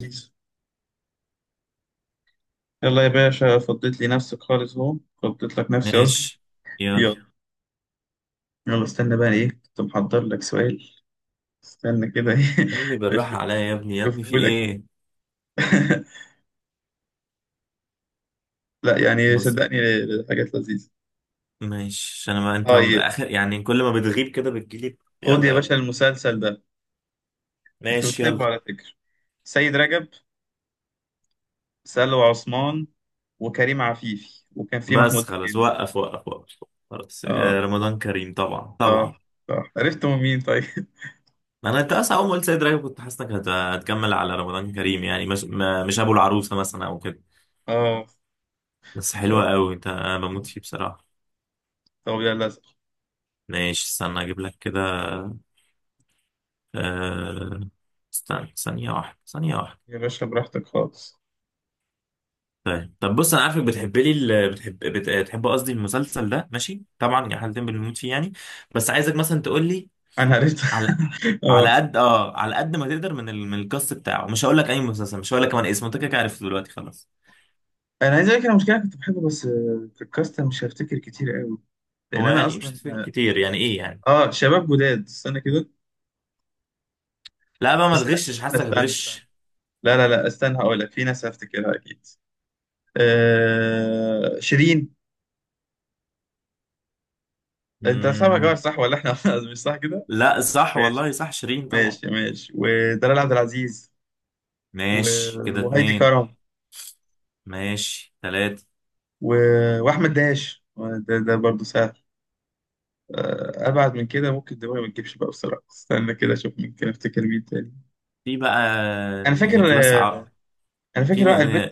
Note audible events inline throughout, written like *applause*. يلا، يا باشا فضيت لي نفسك خالص اهو. فضيت لك نفسي قصدي. ماشي، يلا، يلا يلا استنى بقى، ايه كنت محضر لك سؤال. استنى كده ايه يا ابني *laughs* بالراحة اشوف عليا، يا ابني يا ابني اشوفه في لك. ايه؟ *laughs* لا يعني بص، صدقني، حاجات لذيذة. ماشي، عشان ما انت طيب، اخر يعني، كل ما بتغيب كده بتجيلي. خد يا يلا يلا، باشا المسلسل ده، انت ماشي يلا، بتحبه على فكرة. سيد رجب، سلوى عثمان، وكريم عفيفي، وكان في بس محمود خلاص، الجن. وقف وقف وقف، خلاص، اه آه، رمضان كريم، طبعا طبعا. صح. صح، عرفتوا مين طيب؟ *laughs* انت اصلا اول ما قلت سيد رجب كنت حاسسك هتكمل على رمضان كريم، يعني مش مش ابو العروسة مثلا او كده. اه. بس حلوة طب قوي، انت انا بموت فيه بصراحة. طب يلا اسأل. ماشي استنى اجيب لك كده. آه، استنى ثانية واحدة، ثانية واحدة. يا باشا براحتك خالص. طيب بص، انا عارفك بتحب لي بتحب بتحب قصدي المسلسل ده، ماشي طبعا، يا حالتين بنموت فيه يعني. بس عايزك مثلا تقول لي انا قريت على *laughs* على اه. قد اه على قد ما تقدر من القص بتاعه، مش هقول لك اي مسلسل، مش هقول لك كمان اسمه، انت كده كده عرفته دلوقتي خلاص. انا عايز اقول لك أنا المشكله كنت بحبه، بس في الكاستم مش هفتكر كتير قوي، لان هو انا يعني مش اصلا تفرق كتير يعني، ايه يعني؟ اه شباب جداد. استنى كده، لا بقى ما بس لا تغشش، استنى حاسك استنى استنى. هتغش. لا لا لا استنى، هقول لك في ناس هفتكرها اكيد. شيرين، انت صاحبها جار مم... صح ولا احنا *laughs* مش صح كده؟ لا صح ماشي والله، صح، شيرين طبعا. ماشي ماشي، ودلال عبد العزيز، و... ماشي كده وهايدي اتنين. كرم، ماشي تلاتة. و... واحمد داش. ده برضه سهل. ابعد من كده ممكن دماغي ما تجيبش بقى بسرعه. استنى كده اشوف، ممكن افتكر مين تاني. في بقى انا فاكر نيكلاس آه، عقل. انا في فاكر بقى البنت،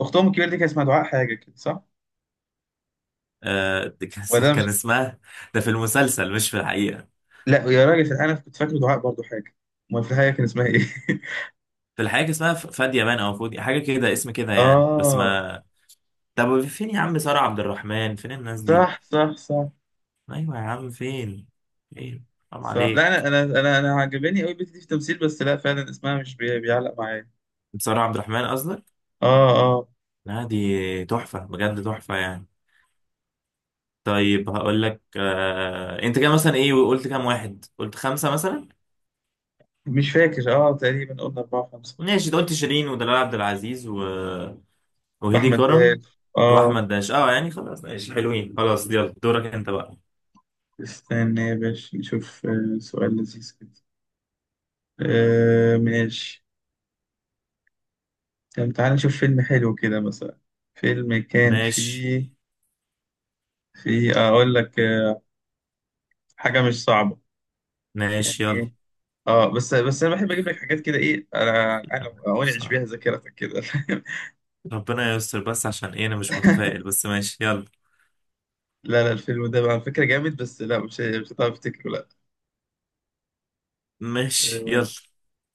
اختهم الكبيره دي كان اسمها دعاء حاجه كده صح؟ آه، كان ولا ده كان مش. اسمها. ده في المسلسل مش في الحقيقة. لا يا راجل انا كنت فاكر دعاء برضو حاجه. امال في الحقيقه كان اسمها ايه؟ *laughs* في الحقيقة كان اسمها فادية بان أو فودي، حاجة كده، اسم كده يعني، بس اه، ما. طب فين يا عم؟ سارة عبد الرحمن، فين الناس دي؟ صح صح صح أيوة يا عم، فين، فين؟ حرام صح. لا عليك. انا عجباني قوي البنت دي في التمثيل، بس لا فعلا اسمها مش بيعلق معايا. سارة عبد الرحمن قصدك؟ اه اه، لا دي تحفة، بجد تحفة يعني. طيب هقول لك. انت كده مثلا ايه، وقلت كام واحد؟ قلت خمسة مثلا. مش فاكر اه، تقريبا قلنا أربعة خمسة. ماشي، ده قلت شيرين ودلال عبد العزيز وهيدي أحمد كرم داش اه. واحمد داش، يعني خلاص، ماشي حلوين، خلاص يلا، دورك انت بقى. استنى يا باشا نشوف، سؤال لذيذ كده. ماشي. طب تعالى نشوف فيلم حلو كده مثلا. فيلم كان ماشي فيه، اقول لك، حاجه مش صعبه ماشي، يعني. يلا، ايه اه، بس انا بحب اجيب لك حاجات كده. ايه يلا، انا انعش صعب. بيها ذاكرتك كده. *laughs* فاهم؟ ربنا يستر بس، عشان ايه انا مش متفائل، بس ماشي يلا. لا لا، الفيلم ده على فكره جامد، بس لا مش هتعرف تفتكره، لا. ماشي آه يلا.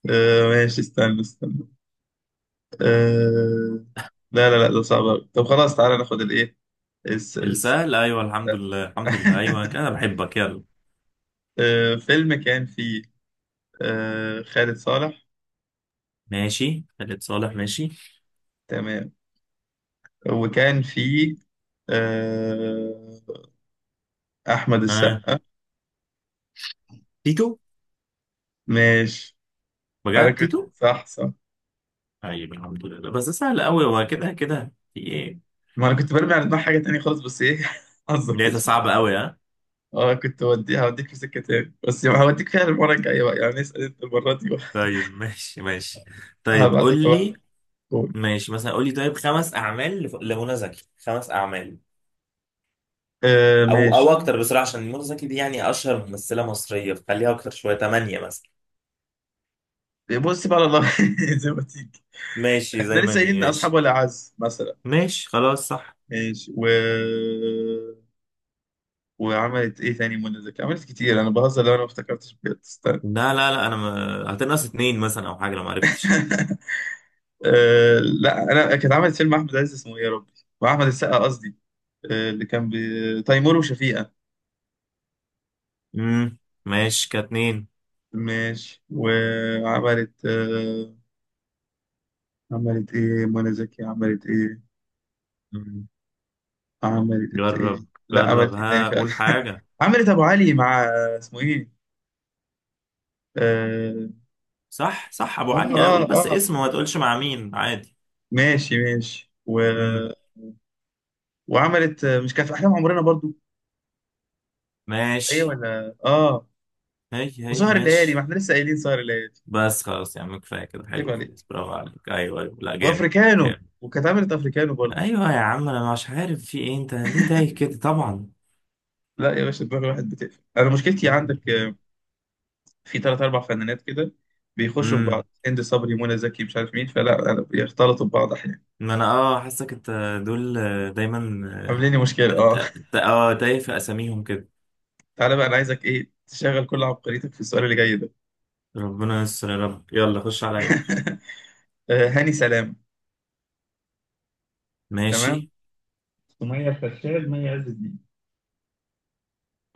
ماشي استنى استنى. آه لا لا لا ده صعب أوي. طب خلاص تعالى ناخد الايه. الس- الس- السهل، ايوه، الحمد لله الحمد لله، ايوه *laughs* كده، انا بحبك، يلا. فيلم كان فيه خالد صالح. ماشي خالد صالح ماشي. تمام. وكان في آه، احمد آه. السقا. تيتو، ماشي. انا بجد كنت تيتو. صح صح. طيب الحمد لله، بس ده سهل قوي، هو كده كده في ايه؟ ما انا كنت برمي على دماغ حاجه تانية خالص، بس ايه. *laughs* حظك كده. لقيتها صعبة قوي، ها. اه كنت هوديها هوديك في سكه تاني، بس هوديك فيها المره الجايه بقى، يعني اسال انت المره دي بقى. طيب ماشي ماشي. طيب قول هبعتك لي. هبعتك. قول. ماشي مثلا، قولي طيب خمس اعمال لمنى زكي، خمس اعمال. آه او ماشي. اكتر بصراحه، عشان منى زكي دي يعني اشهر ممثله مصريه، فخليها اكتر شويه، ثمانيه مثلا. بص بقى على الله. *laughs* زي ما تيجي. ماشي احنا زي ما لسه قايلين دي ان اصحاب ماشي. ولا عز مثلا. ماشي خلاص صح. ماشي و. وعملت ايه تاني منى زكي؟ عملت كتير، انا بهزر، لو انا ما افتكرتش بجد استنى. لا لا لا، انا ما... هتنقص اتنين مثلا او حاجه لو ما عرفتش. *laughs* أه لا، انا كانت عملت فيلم احمد عز اسمه ايه يا ربي، واحمد السقا قصدي. أه، اللي كان تيمور وشفيقة. امم ماشي كاتنين. ماشي وعملت أه. عملت ايه منى زكي عملت ايه؟ مم. عملت ايه، جرب، لا جرب، عملت ايه تاني ها فعلا. قول حاجه. *laughs* عملت ابو علي مع اسمه ايه. اه صح صح، ابو اه علي، انا اقول بس اه، آه. اسمه، ما تقولش مع مين عادي. ماشي ماشي و. امم وعملت مش كان في احلام عمرنا برضو؟ ايه ماشي. ولا اه. هي هي وسهر الليالي، ما ماشي. احنا لسه قايلين سهر الليالي. بس خلاص يا عم، كفاية كده، عيب حلو، عليك. خلاص، برافو عليك، أيوه أيوه، لا جامد، وافريكانو، جامد. وكانت عملت افريكانو برضو. أيوه يا عم، أنا مش عارف في إيه، أنت ليه تايه كده طبعا؟ لا يا باشا دماغ الواحد بتقفل. انا مشكلتي عندك في ثلاث اربع فنانات كده بيخشوا في بعض، امم هند صبري منى زكي مش عارف مين، فلا أنا بيختلطوا ببعض احيانا، ما أنا حاسك أنت دول دايما عاملين لي ت- مشكله اه. ت- *laughs* ت- أه تايه في أساميهم كده. تعالى بقى، انا عايزك ايه تشغل كل عبقريتك في السؤال اللي جاي ده. ربنا يستر يا رب، يلا خش عليا. *laughs* هاني سلام. تمام. ماشي. سمية الخشاب، مي عز الدين.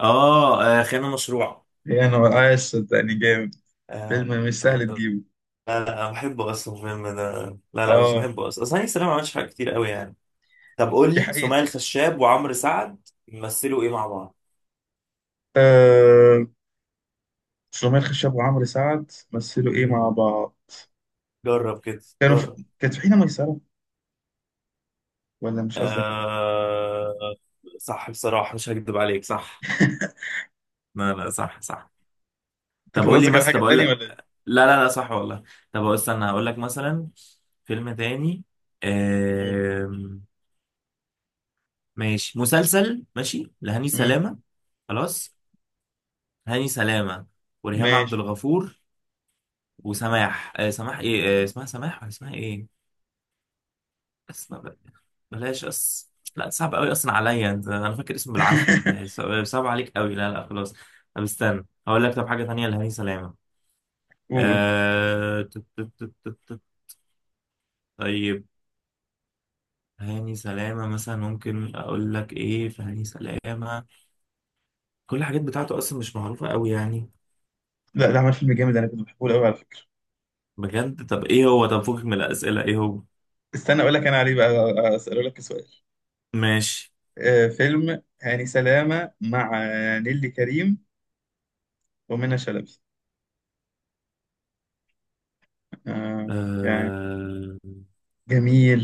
أه آه، خيانة مشروع. هي انا عايش صدقني جامد، آه، فيلم مش سهل آه، تجيبه، لا لا أنا بحبه أصلا الفيلم ده. لا لا، بس اه. بحبه أصلا أصلا، هاني سلامة ما عملش حاجة كتير قوي يعني. طب قول دي لي، حقيقة. سمية الخشاب وعمرو سعد يمثلوا ايه مع بعض؟ آه، سمية الخشاب وعمرو سعد مثلوا ايه مع مم. بعض؟ جرب كده، كانوا جرب. في... كانت في حين ميسرة، ولا مش قصدك عليه؟ آه... صح بصراحة، مش هكدب عليك، صح. *laughs* لا لا، صح صح. انت طب كان قول لي قصدك على مثلا، حاجة طب اقول تانية لك. ولا ايه؟ لا لا لا، صح والله. طب استنى هقول لك مثلا فيلم تاني. قول. آم... ماشي مسلسل ماشي لهاني مم. سلامة، خلاص، هاني سلامة وريهام عبد ماشي. الغفور وسماح، سماح ايه، اسمها سماح ولا اسمها ايه؟ اس ما- بقى- بلاش اس. لا، صعب قوي اصلا عليا انت، انا فاكر اسمه بالعافيه، بلاش. *laughs* صعب عليك قوي، لا لا خلاص. طب استنى هقول لك طب حاجه تانية لهاني سلامه. قول. آه... تت- تت- تت- تت- تت. طيب. هاني سلامه مثلا، ممكن اقول لك ايه في هاني سلامه؟ كل الحاجات بتاعته اصلا مش معروفه قوي يعني. لا، ده عمل فيلم جامد انا كنت بحبه قوي على فكرة. بجد؟ طب ايه هو؟ طب فوقك من الاسئله، ايه هو؟ استنى اقول لك، انا عليه بقى اسأله لك سؤال. ماشي. آه، فيلم هاني سلامة مع نيلي كريم ومنى شلبي. آه يعني. آه... جميل.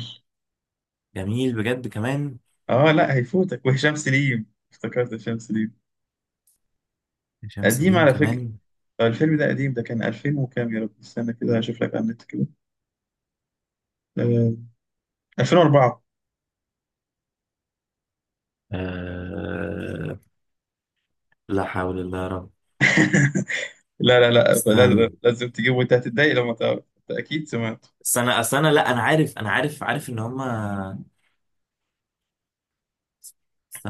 جميل، بجد كمان. اه لا هيفوتك، وهشام سليم. افتكرت هشام سليم. هشام قديم سليم على فكرة. كمان. الفيلم ده قديم، ده كان 2000 وكام؟ يا رب استنى كده هشوف لك على النت كده. آه، 2004. آه... لا حول الله. *laughs* لا لا لا، استنى لازم لازم تجيبه، وانت هتتضايق لما تعرف، انت اكيد سمعت. استنى استنى، لا انا عارف، انا عارف ان هما.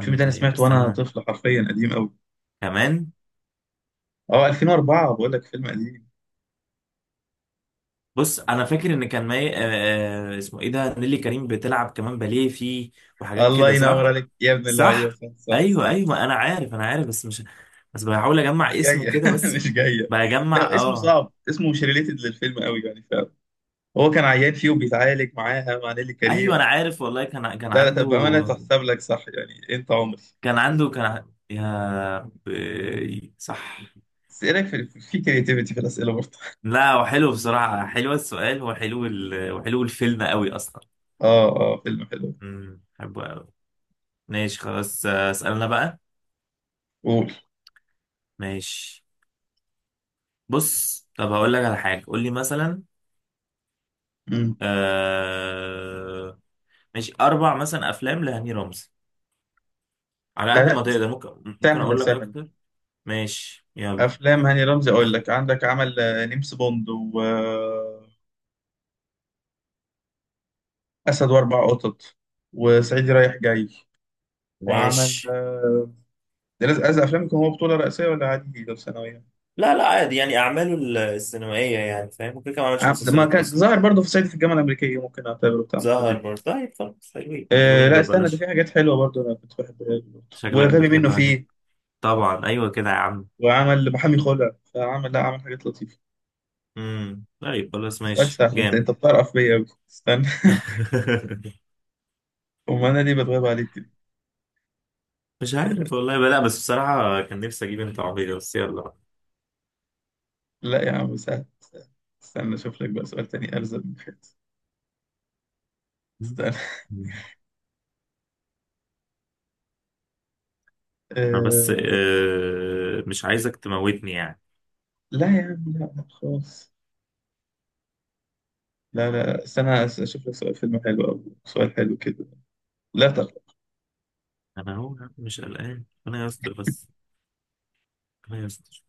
الفيلم ده انا طيب سمعته وانا استنى طفل، حرفيا قديم قوي. كمان. اه 2004 بقول لك، فيلم قديم. بص انا فاكر ان كان مي... آه... آه، اسمه ايه ده، نيلي كريم بتلعب كمان باليه فيه، وحاجات الله كده صح. ينور عليك يا ابن الله، صح، ايوه صح صح ايوه صح. ايوه، انا عارف بس مش، بس بحاول اجمع مش اسمه جايه. كده *laughs* بس. مش جايه. بجمع، لا اسمه صعب، اسمه مش ريليتد للفيلم قوي يعني فعلا. هو كان عيان فيه وبيتعالج معاها مع نيلي ايوه كريم. انا عارف والله، كان لا لا، عنده، طب بامانه تحسب لك صح، يعني انت عمري. كان عنده كان ع- يا ب... صح. بس ايه رايك في كرياتيفيتي في الاسئله برضه؟ لا هو حلو بصراحة، حلو السؤال وحلو الفيلم قوي أصلا. *laughs* اه اه فيلم حلو. بحبه قوي. ماشي خلاص، آه، اسألنا بقى. قول. ماشي. بص طب هقول لك على حاجة، قول لي مثلا. مم. آه... ماشي، أربع مثلا أفلام لهاني رمزي، على لا قد لا، ما تقدر. ممكن سهله أقول لك سهله. أكتر. ماشي يلا، افلام هاني رمزي، اقول لك عندك عمل نمس بوند واسد، واربع قطط، وصعيدي رايح جاي، وعمل ماشي. ده لازم، عايز افلام يكون هو بطوله رئيسيه، ولا عادي لو ثانويه؟ لا لا عادي، يعني أعماله السينمائية يعني فاهم، ممكن كمان ما عملش ده ما مسلسلات كان أصلا. ظاهر برضه في صعيدي في الجامعه الامريكيه، ممكن اعتبره بتاع محمد ظهر هنيدي. برضه. طيب خلاص، حلوين أه حلوين لا دول، استنى، ده في بلاش. حاجات حلوه برضه انا كنت بحبها له برضه، شكلك وغبي منه بتحب هاني. فيه، طبعا، ايوه كده يا عم. وعمل محامي خلع، فعمل لا عمل حاجات لطيفه. طيب خلاص، اسالك ماشي سهل، جامد. انت بتعرف بيا أوي. استنى *laughs* *laughs* امال انا ليه بتغيب عليك كده. مش عارف والله بقى، لا، بس بصراحة كان نفسي أجيب أنت عربية، بس يلا بقى. لا يا عم سهل سهل. استنى اشوف لك بقى سؤال تاني ارزق من كده. استنى. مم. أنا بس، أه... مش عايزك تموتني يعني. لا يا عم لا لا خالص. لا لا استنى، اشوف لك سؤال فيلم حلو او سؤال حلو كده. لا تقلق. أنا هو مش قلقان، ربنا يستر بس، ربنا يستر،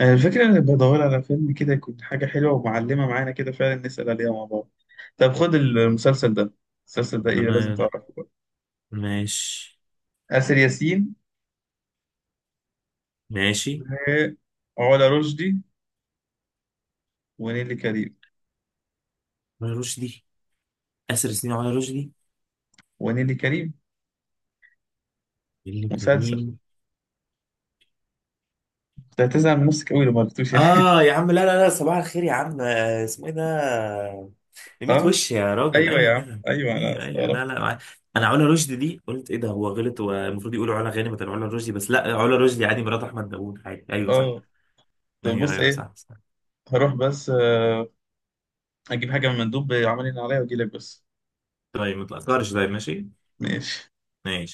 آه، الفكرة انا بدور على فيلم كده، يكون حاجة حلوة ومعلمة معانا كده فعلا نسأل عليها مع بعض. طب خد المسلسل ده، المسلسل ده ايه لازم ربنا. تعرفه بقى. ماشي آسر ياسين، ماشي، وعلا رشدي، ونيلي كريم، على رشدي، آسر سنين، على رشدي، ونيلي كريم. نيللي مسلسل. كريم. انت هتزعل من نفسك قوي لو ما عرفتوش يعني. آه يا عم، لا لا لا، صباح الخير يا عم. آه، اسمه إيه ده؟ ميت *laughs* وش يا راجل، ايوه ايوه يا عم كده. ايوه، انا ايوه ايوه، استغربت. لا لا، انا علا رشدي دي قلت ايه ده، هو غلط والمفروض يقولوا علا غانم بدل علا رشدي، بس لا علا رشدي عادي، مرات احمد داوود عادي، ايوه صح. اه طب ايوه بص ايوه ايه، صح صح. هروح بس اجيب حاجه من المندوب عاملين عليا واجي لك بس. طيب ما تاثرش، طيب ماشي. ماشي ماشي.